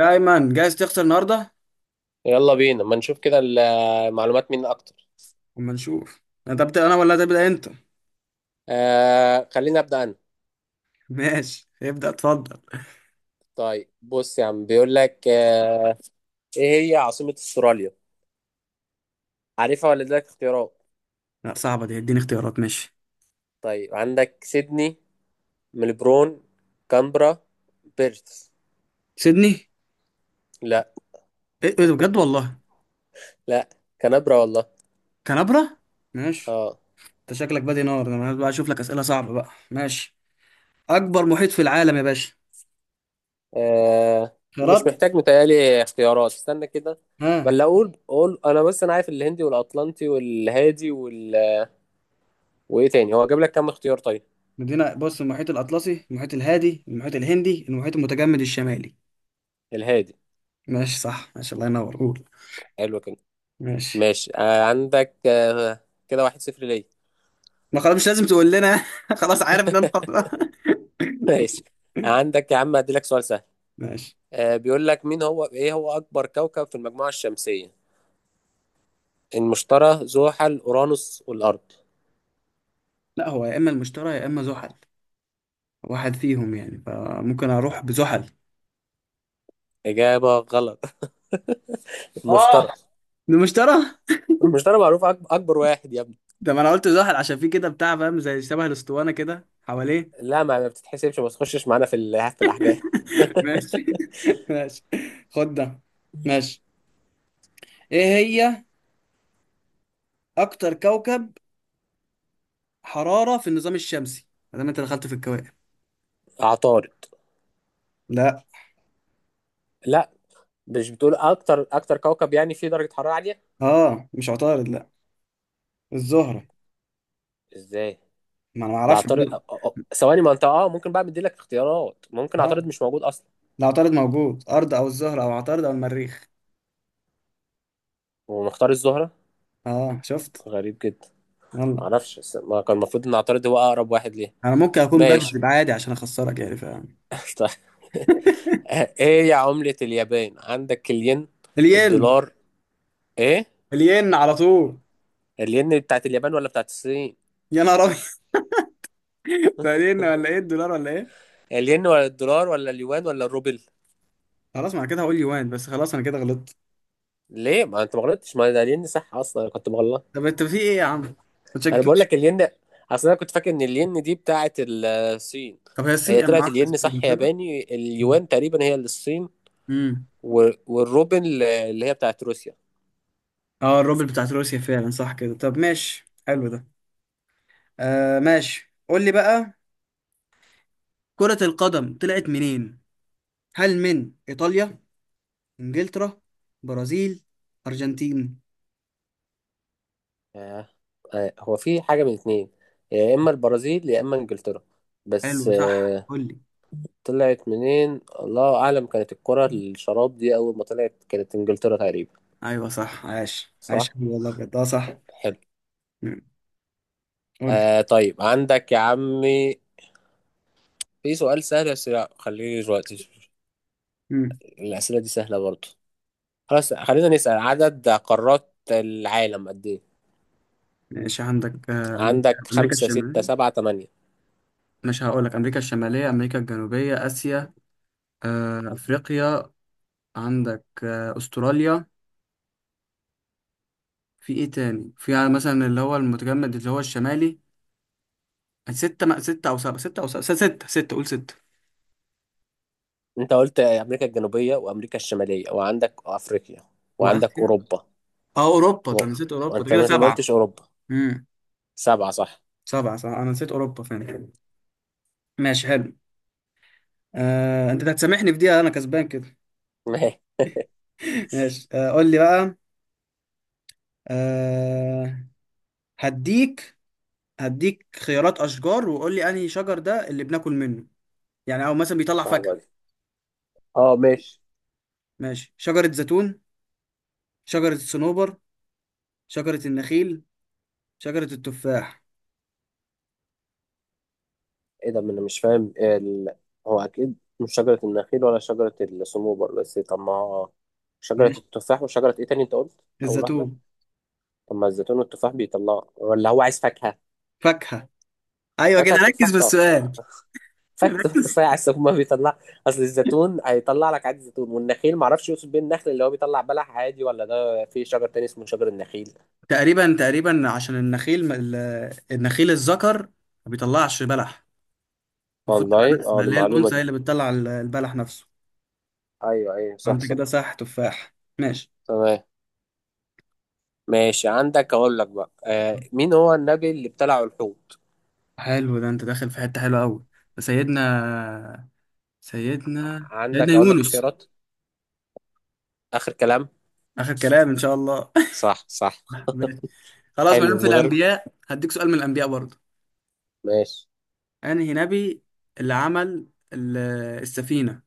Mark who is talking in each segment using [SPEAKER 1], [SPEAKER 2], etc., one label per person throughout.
[SPEAKER 1] يا ايمن، جاهز تخسر النهارده؟
[SPEAKER 2] يلا بينا ما نشوف كده المعلومات مين اكتر.
[SPEAKER 1] اما نشوف. انت بتبدا انا ولا تبدا انت؟
[SPEAKER 2] خلينا ابدا انا.
[SPEAKER 1] ماشي، ابدا اتفضل.
[SPEAKER 2] طيب بص يا عم بيقول لك ايه هي عاصمة استراليا؟ عارفها ولا اديلك اختيارات؟
[SPEAKER 1] لا، صعبه دي، اديني اختيارات ماشي.
[SPEAKER 2] طيب عندك سيدني، ملبورن، كامبرا، بيرث.
[SPEAKER 1] سيدني.
[SPEAKER 2] لا.
[SPEAKER 1] ايه، ده بجد والله؟
[SPEAKER 2] لا، كانبرا والله.
[SPEAKER 1] كنبره. ماشي.
[SPEAKER 2] اه,
[SPEAKER 1] انت شكلك بادي نار، انا بقى اشوف لك اسئله صعبه بقى. ماشي، اكبر محيط في العالم يا باشا؟
[SPEAKER 2] مش
[SPEAKER 1] خيارات.
[SPEAKER 2] محتاج، متهيألي اختيارات. استنى كده،
[SPEAKER 1] ها؟
[SPEAKER 2] ولا اقول انا؟ بس انا عارف الهندي والاطلنطي والهادي وال... وايه تاني؟ هو جاب لك كام اختيار طيب؟
[SPEAKER 1] بص، المحيط الاطلسي، المحيط الهادي، المحيط الهندي، المحيط المتجمد الشمالي.
[SPEAKER 2] الهادي.
[SPEAKER 1] ماشي صح، ماشي، الله ينور، قول.
[SPEAKER 2] حلو كده.
[SPEAKER 1] ماشي.
[SPEAKER 2] ماشي. عندك. كده واحد صفر ليا.
[SPEAKER 1] ما خلاص، مش لازم تقول لنا. خلاص، عارف ان انا خطأ.
[SPEAKER 2] ماشي، عندك يا عم، هديلك سؤال سهل.
[SPEAKER 1] ماشي.
[SPEAKER 2] بيقول لك مين هو ايه هو اكبر كوكب في المجموعة الشمسية؟ المشتري، زحل، اورانوس، والارض.
[SPEAKER 1] لا، هو يا اما المشترى يا اما زحل، واحد فيهم يعني، فممكن اروح بزحل.
[SPEAKER 2] اجابة غلط. المشتري.
[SPEAKER 1] اه، المشترى.
[SPEAKER 2] المشتري معروف اكبر واحد يا ابني.
[SPEAKER 1] ده ما انا قلت زحل عشان في كده بتاع، فاهم؟ زي شبه الاسطوانه كده حواليه.
[SPEAKER 2] لا، ما بتتحسبش، ما تخشش معانا في في الاحجام.
[SPEAKER 1] ماشي. ماشي، خد ده. ماشي، ايه هي اكتر كوكب حراره في النظام الشمسي؟ ما دام انت دخلت في الكواكب.
[SPEAKER 2] عطارد.
[SPEAKER 1] لا.
[SPEAKER 2] لا، مش بتقول اكتر كوكب يعني فيه درجة حرارة عالية؟
[SPEAKER 1] اه، مش عطارد، لا. الزهره.
[SPEAKER 2] ازاي؟
[SPEAKER 1] ما انا ما
[SPEAKER 2] ده
[SPEAKER 1] اعرفش.
[SPEAKER 2] عطارد. ثواني، ما انت اه ممكن بقى، مديلك اختيارات؟ ممكن
[SPEAKER 1] اه،
[SPEAKER 2] عطارد مش موجود اصلا؟
[SPEAKER 1] لا، عطارد موجود، ارض او الزهره او عطارد او المريخ.
[SPEAKER 2] ومختار الزهرة؟
[SPEAKER 1] اه، شفت؟
[SPEAKER 2] غريب جدا.
[SPEAKER 1] يلا.
[SPEAKER 2] معرفش بس، ما كان المفروض ان اعترض، هو اقرب واحد ليه.
[SPEAKER 1] انا ممكن اكون
[SPEAKER 2] ماشي.
[SPEAKER 1] بكذب عادي عشان اخسرك يعني.
[SPEAKER 2] طيب، ايه يا عملة اليابان؟ عندك الين،
[SPEAKER 1] الين.
[SPEAKER 2] الدولار، ايه.
[SPEAKER 1] الين على طول.
[SPEAKER 2] الين بتاعت اليابان ولا بتاعت الصين؟
[SPEAKER 1] يا نهار ابيض، ده الين ولا ايه؟ الدولار ولا ايه؟
[SPEAKER 2] الين ولا الدولار ولا اليوان ولا الروبل؟
[SPEAKER 1] خلاص، ما انا كده هقول يوان بس، خلاص انا كده غلطت.
[SPEAKER 2] ليه؟ ما انت ما غلطتش، ما ده الين صح اصلا، انا كنت مغلط.
[SPEAKER 1] طب انت في ايه يا عم؟ ما
[SPEAKER 2] انا بقول
[SPEAKER 1] تشككنيش.
[SPEAKER 2] لك الين. اصل انا كنت فاكر ان الين دي بتاعت الصين.
[SPEAKER 1] طب هي الصين
[SPEAKER 2] هي
[SPEAKER 1] ايه؟ ما
[SPEAKER 2] طلعت
[SPEAKER 1] اعرفش
[SPEAKER 2] الين
[SPEAKER 1] الصين
[SPEAKER 2] صح
[SPEAKER 1] كده.
[SPEAKER 2] ياباني، اليوان تقريبا هي للصين.
[SPEAKER 1] امم
[SPEAKER 2] والروبل اللي هي بتاعت روسيا.
[SPEAKER 1] اه، الروبل بتاعت روسيا فعلا، صح كده. طب ماشي، حلو ده. آه ماشي، قول لي بقى. كرة القدم طلعت منين؟ هل من ايطاليا، انجلترا، برازيل، ارجنتين؟
[SPEAKER 2] آه، هو في حاجة من اتنين، يا إما البرازيل يا إما إنجلترا. بس
[SPEAKER 1] حلو صح، قول لي.
[SPEAKER 2] طلعت منين، الله أعلم. كانت الكرة الشراب دي أول ما طلعت كانت إنجلترا تقريبا.
[SPEAKER 1] ايوه صح، عاش
[SPEAKER 2] صح؟
[SPEAKER 1] عاش والله بجد، اه صح.
[SPEAKER 2] حلو.
[SPEAKER 1] مم. قول
[SPEAKER 2] طيب عندك يا عمي، في سؤال سهل بس لا، خليني دلوقتي.
[SPEAKER 1] لي.
[SPEAKER 2] الأسئلة دي سهلة برضه. خلاص، خلينا نسأل، عدد قارات العالم قد إيه؟
[SPEAKER 1] ماشي. عندك أمريكا،
[SPEAKER 2] عندك
[SPEAKER 1] أمريكا
[SPEAKER 2] خمسة، ستة،
[SPEAKER 1] الشمالية.
[SPEAKER 2] سبعة، تمانية.
[SPEAKER 1] مش هقول لك، أمريكا الشمالية، أمريكا الجنوبية، آسيا، أفريقيا، عندك أستراليا، في إيه تاني؟ في يعني مثلا اللي هو المتجمد اللي هو الشمالي. ستة أو سبعة، ستة أو سبعة، ستة قول ستة.
[SPEAKER 2] أنت قلت أمريكا الجنوبية وأمريكا الشمالية وعندك أفريقيا وعندك
[SPEAKER 1] وآسيا.
[SPEAKER 2] أوروبا.
[SPEAKER 1] أه، أوروبا، ده
[SPEAKER 2] و-
[SPEAKER 1] أنا نسيت أوروبا، ده
[SPEAKER 2] وانت
[SPEAKER 1] كده
[SPEAKER 2] ما
[SPEAKER 1] سبعة.
[SPEAKER 2] قلتش اوروبا.
[SPEAKER 1] امم
[SPEAKER 2] سبعة صح.
[SPEAKER 1] سبعة صح، أنا نسيت أوروبا فعلا. ماشي حلو. أنت هتسامحني في دي، أنا كسبان كده.
[SPEAKER 2] ماشي.
[SPEAKER 1] ماشي، قول لي بقى. آه، هديك، هديك خيارات اشجار، وقول لي انهي شجر ده اللي بناكل منه، يعني او مثلا بيطلع
[SPEAKER 2] صعبة
[SPEAKER 1] فاكهه.
[SPEAKER 2] دي. اه ماشي.
[SPEAKER 1] ماشي، شجره زيتون، شجره الصنوبر، شجره النخيل، شجره التفاح.
[SPEAKER 2] ايه ده، ما انا مش فاهم هو اكيد مش شجرة النخيل ولا شجرة الصنوبر، بس طب ما شجرة
[SPEAKER 1] ماشي.
[SPEAKER 2] التفاح وشجرة ايه تاني انت قلت اول واحدة؟
[SPEAKER 1] الزيتون.
[SPEAKER 2] طب ما الزيتون والتفاح بيطلع، ولا هو عايز فاكهة؟
[SPEAKER 1] فاكهه. ايوه كده،
[SPEAKER 2] فاكهة
[SPEAKER 1] ركز
[SPEAKER 2] التفاح
[SPEAKER 1] في
[SPEAKER 2] طبعا.
[SPEAKER 1] السؤال.
[SPEAKER 2] فاكهة
[SPEAKER 1] ركز.
[SPEAKER 2] التفاح، عايز هما بيطلع. اصل الزيتون هيطلع لك عادي زيتون، والنخيل معرفش يقصد بيه النخل اللي هو بيطلع بلح عادي، ولا ده في شجر تاني اسمه شجر النخيل.
[SPEAKER 1] تقريبا تقريبا، عشان النخيل النخيل الذكر ما بيطلعش بلح. المفروض تبقى
[SPEAKER 2] والله اه،
[SPEAKER 1] نسله
[SPEAKER 2] دي
[SPEAKER 1] اللي هي
[SPEAKER 2] معلومة
[SPEAKER 1] الانثى، هي
[SPEAKER 2] دي.
[SPEAKER 1] اللي بتطلع البلح نفسه.
[SPEAKER 2] ايوه ايوه، صح
[SPEAKER 1] فانت
[SPEAKER 2] صح.
[SPEAKER 1] كده صح، تفاح، ماشي.
[SPEAKER 2] تمام. ماشي، عندك اقول لك بقى، مين هو النبي اللي ابتلعه الحوت؟
[SPEAKER 1] حلو ده، انت داخل في حته حلوه قوي. سيدنا، سيدنا
[SPEAKER 2] عندك اقول لك
[SPEAKER 1] يونس.
[SPEAKER 2] اختيارات؟ اخر كلام.
[SPEAKER 1] آخر كلام إن شاء الله.
[SPEAKER 2] صح صح.
[SPEAKER 1] ماشي. خلاص، ما
[SPEAKER 2] حلو،
[SPEAKER 1] دام في
[SPEAKER 2] من غير.
[SPEAKER 1] الأنبياء هديك سؤال من الأنبياء برضه.
[SPEAKER 2] ماشي.
[SPEAKER 1] أنهي نبي اللي عمل ال- السفينة؟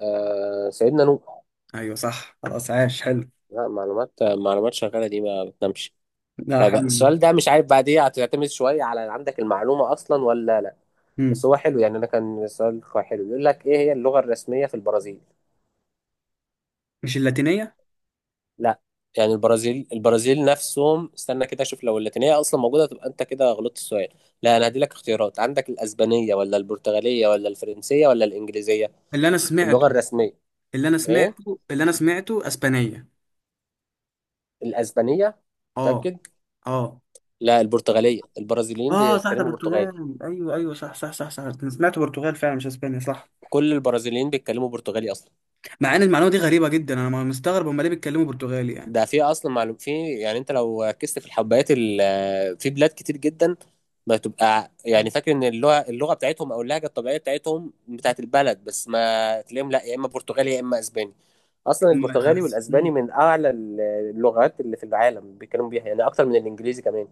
[SPEAKER 2] سيدنا نوح.
[SPEAKER 1] أيوه صح، خلاص، عاش، حلو.
[SPEAKER 2] لا، معلومات معلومات شغاله دي ما بتنامش.
[SPEAKER 1] لا.
[SPEAKER 2] طيب
[SPEAKER 1] حلو.
[SPEAKER 2] السؤال ده مش عارف بعد ايه هتعتمد شويه، على عندك المعلومه اصلا ولا لا.
[SPEAKER 1] مم.
[SPEAKER 2] بس هو حلو، يعني انا كان السؤال كويس حلو، بيقول لك ايه هي اللغه الرسميه في البرازيل؟
[SPEAKER 1] مش اللاتينية؟
[SPEAKER 2] لا، يعني البرازيل نفسهم، استنى كده اشوف لو اللاتينيه اصلا موجوده تبقى انت كده غلطت السؤال. لا انا هدي لك اختيارات، عندك الاسبانيه ولا البرتغاليه ولا الفرنسيه ولا الانجليزيه؟
[SPEAKER 1] اللي أنا سمعته
[SPEAKER 2] اللغه الرسميه.
[SPEAKER 1] اللي أنا
[SPEAKER 2] ايه،
[SPEAKER 1] سمعته اللي أنا سمعته أسبانية.
[SPEAKER 2] الاسبانيه؟
[SPEAKER 1] أه.
[SPEAKER 2] متاكد؟
[SPEAKER 1] أه.
[SPEAKER 2] لا، البرتغاليه، البرازيليين
[SPEAKER 1] اه صح، ده
[SPEAKER 2] بيتكلموا برتغالي.
[SPEAKER 1] برتغال، ايوه ايوه صح صح صح صح، أنا سمعت برتغال فعلا مش اسبانيا، صح.
[SPEAKER 2] كل البرازيليين بيتكلموا برتغالي اصلا.
[SPEAKER 1] مع ان المعلومه دي غريبه جدا، انا ما مستغرب هم ليه بيتكلموا برتغالي
[SPEAKER 2] ده في اصلا معلوم، في يعني انت لو ركزت في الحبايات في بلاد كتير جدا بتبقى يعني فاكر ان اللغه بتاعتهم او اللهجه الطبيعيه بتاعتهم بتاعت البلد، بس ما تلاقيهم، لا يا اما برتغالي يا اما اسباني. اصلا البرتغالي والاسباني
[SPEAKER 1] يعني.
[SPEAKER 2] من اعلى اللغات اللي في العالم بيتكلموا بيها، يعني اكتر من الانجليزي كمان.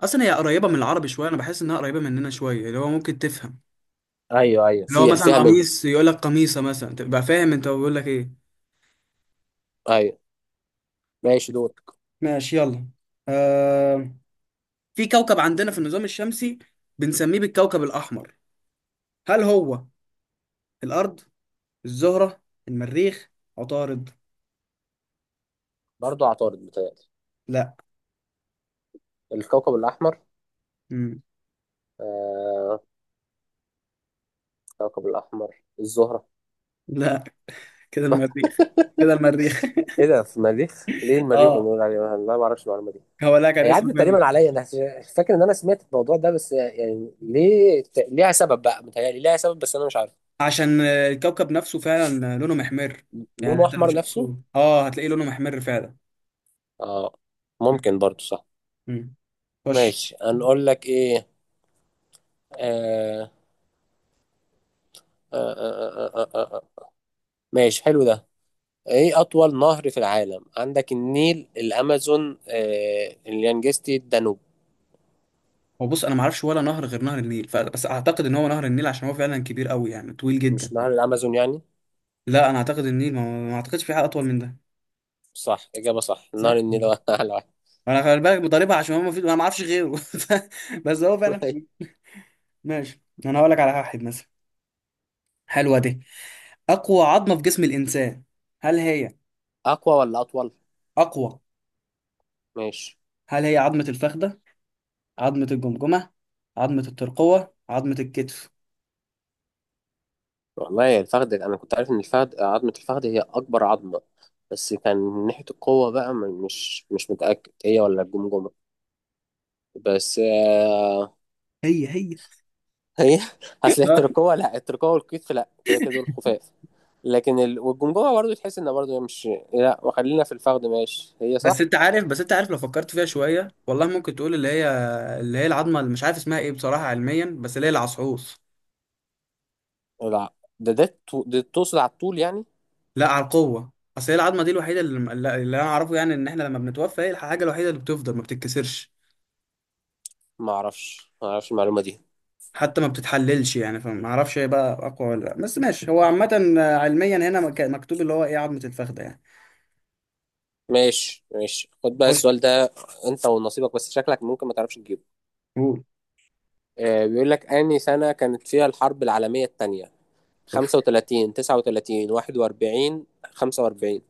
[SPEAKER 1] اصلا هي قريبه من العربي شويه، انا بحس انها قريبه مننا شويه، اللي هو ممكن تفهم.
[SPEAKER 2] ايوه ايوه،
[SPEAKER 1] اللي هو
[SPEAKER 2] فيها
[SPEAKER 1] مثلا
[SPEAKER 2] فيها منها.
[SPEAKER 1] قميص يقول لك قميصه مثلا، تبقى فاهم انت بيقول لك ايه.
[SPEAKER 2] ايوه. ماشي دول.
[SPEAKER 1] ماشي، يلا. آه... في كوكب عندنا في النظام الشمسي بنسميه بالكوكب الاحمر، هل هو الارض، الزهره، المريخ، عطارد؟
[SPEAKER 2] برضو عطارد بتاعي.
[SPEAKER 1] لا.
[SPEAKER 2] الكوكب الاحمر.
[SPEAKER 1] مم.
[SPEAKER 2] آه. الكوكب الاحمر الزهره.
[SPEAKER 1] لا كده المريخ، كده المريخ.
[SPEAKER 2] ايه ده، في المريخ ليه المريخ
[SPEAKER 1] اه.
[SPEAKER 2] بنقول عليه؟ انا ما اعرفش المعلومه دي.
[SPEAKER 1] هو لا كان
[SPEAKER 2] هي
[SPEAKER 1] اسمه
[SPEAKER 2] عدت
[SPEAKER 1] كده.
[SPEAKER 2] تقريبا عليا انا. فاكر ان انا سمعت الموضوع ده، بس يعني ليه، ليها سبب بقى، متهيألي ليها سبب، بس انا مش عارف.
[SPEAKER 1] عشان الكوكب نفسه فعلا لونه محمر. يعني
[SPEAKER 2] لونه
[SPEAKER 1] انت لو
[SPEAKER 2] احمر
[SPEAKER 1] شفت
[SPEAKER 2] نفسه.
[SPEAKER 1] صوره اه هتلاقيه لونه محمر فعلا.
[SPEAKER 2] اه، ممكن برضو صح.
[SPEAKER 1] مم. خش.
[SPEAKER 2] ماشي هنقول لك ايه. آه آه آه آه آه آه. آه، آه. ماشي حلو ده. ايه اطول نهر في العالم؟ عندك النيل، الامازون، اليانجستي، الدانوب.
[SPEAKER 1] هو بص، انا ما اعرفش ولا نهر غير نهر النيل، بس اعتقد ان هو نهر النيل عشان هو فعلا كبير قوي، يعني طويل
[SPEAKER 2] مش
[SPEAKER 1] جدا.
[SPEAKER 2] نهر الامازون يعني؟
[SPEAKER 1] لا، انا اعتقد النيل، ما اعتقدش في حاجه اطول من ده.
[SPEAKER 2] صح، اجابة صح، نهر
[SPEAKER 1] صح.
[SPEAKER 2] النيل
[SPEAKER 1] مم.
[SPEAKER 2] هو اعلى
[SPEAKER 1] انا خلي بالك بضربها عشان هو ما في، انا ما اعرفش غيره، بس هو فعلا.
[SPEAKER 2] واحد.
[SPEAKER 1] ماشي. انا هقول لك على واحد مثلا. حلوه دي، اقوى عظمه في جسم الانسان، هل هي
[SPEAKER 2] اقوى ولا اطول؟
[SPEAKER 1] اقوى؟
[SPEAKER 2] ماشي.
[SPEAKER 1] هل هي عظمه الفخذه، عظمه الجمجمه، عظمه الترقوه، عظمه الكتف؟
[SPEAKER 2] والله يا الفخذ، انا كنت عارف ان الفخذ، عظمه الفخذ هي اكبر عظمه، بس كان من ناحيه القوه بقى مش متاكد هي ولا الجمجمه. بس
[SPEAKER 1] هي هي.
[SPEAKER 2] هي. هتلاقي التركوه، لا التركوه والكتف لا، كده كده دول خفاف. لكن والجمجمه برضه تحس انها برضه مش. لا وخلينا في الفخذ، ماشي هي
[SPEAKER 1] بس
[SPEAKER 2] صح.
[SPEAKER 1] انت عارف، لو فكرت فيها شويه والله ممكن تقول اللي هي، اللي هي العظمه اللي مش عارف اسمها ايه بصراحه علميا، بس اللي هي العصعوص.
[SPEAKER 2] لا، ده تقصد على الطول يعني.
[SPEAKER 1] لا، على القوه. اصل هي العظمه دي الوحيده اللي انا اعرفه يعني ان احنا لما بنتوفى هي الحاجه الوحيده اللي بتفضل ما بتتكسرش،
[SPEAKER 2] ما اعرفش المعلومه دي.
[SPEAKER 1] حتى ما بتتحللش يعني. فما اعرفش هي بقى اقوى ولا لا، بس ماشي، هو عامه علميا هنا مكتوب اللي هو ايه، عظمه الفخذه يعني.
[SPEAKER 2] ماشي ماشي خد بقى
[SPEAKER 1] خش،
[SPEAKER 2] السؤال ده، انت ونصيبك بس شكلك ممكن ما تعرفش تجيبه.
[SPEAKER 1] قول.
[SPEAKER 2] بيقول لك أنهي سنة كانت فيها الحرب العالمية الثانية؟
[SPEAKER 1] اوف.
[SPEAKER 2] 35، 39، 41، 45.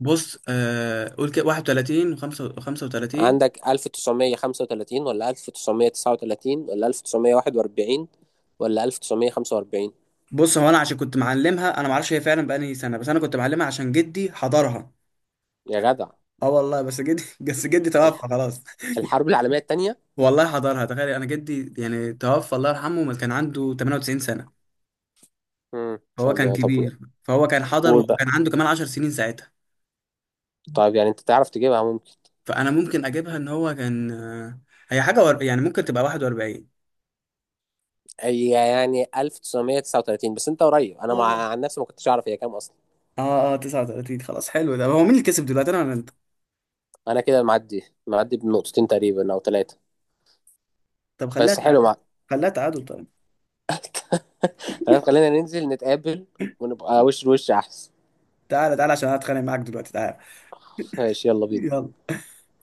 [SPEAKER 1] بص، قول كده، 31 و35.
[SPEAKER 2] عندك 1935 ولا 1939 ولا 1941 ولا 1945؟
[SPEAKER 1] بص، هو انا عشان كنت معلمها، انا ما اعرفش هي فعلا بقالي سنه بس انا كنت معلمها عشان جدي حضرها.
[SPEAKER 2] يا جدع.
[SPEAKER 1] اه والله، بس جدي، بس جدي توفى
[SPEAKER 2] الح-
[SPEAKER 1] خلاص.
[SPEAKER 2] الحرب العالمية الثانية.
[SPEAKER 1] والله حضرها، تخيل، انا جدي يعني توفى الله يرحمه ما كان عنده 98 سنه،
[SPEAKER 2] امم، ان
[SPEAKER 1] فهو
[SPEAKER 2] شاء
[SPEAKER 1] كان
[SPEAKER 2] الله، طب.
[SPEAKER 1] كبير، فهو كان حضر
[SPEAKER 2] قول
[SPEAKER 1] وكان
[SPEAKER 2] بقى.
[SPEAKER 1] عنده كمان 10 سنين ساعتها.
[SPEAKER 2] طيب يعني انت تعرف تجيبها ممكن؟
[SPEAKER 1] فانا ممكن اجيبها ان هو كان، هي حاجه ور... يعني ممكن تبقى 41.
[SPEAKER 2] هي يعني 1939، بس انت قريب، انا
[SPEAKER 1] اه
[SPEAKER 2] مع عن نفسي ما كنتش اعرف هي كام اصلا.
[SPEAKER 1] اه 39. خلاص حلو ده، هو مين اللي كسب دلوقتي انا ولا انت؟
[SPEAKER 2] انا كده معدي معدي بنقطتين تقريبا او ثلاثة.
[SPEAKER 1] طب خليها
[SPEAKER 2] بس حلو
[SPEAKER 1] تعادل.
[SPEAKER 2] مع.
[SPEAKER 1] خليها تعادل طيب.
[SPEAKER 2] خلاص خلينا ننزل نتقابل ونبقى وش لوش احسن.
[SPEAKER 1] تعالى تعالى عشان أنا اتخانق معاك دلوقتي، تعالى.
[SPEAKER 2] ماشي، يلا بينا.
[SPEAKER 1] يلا.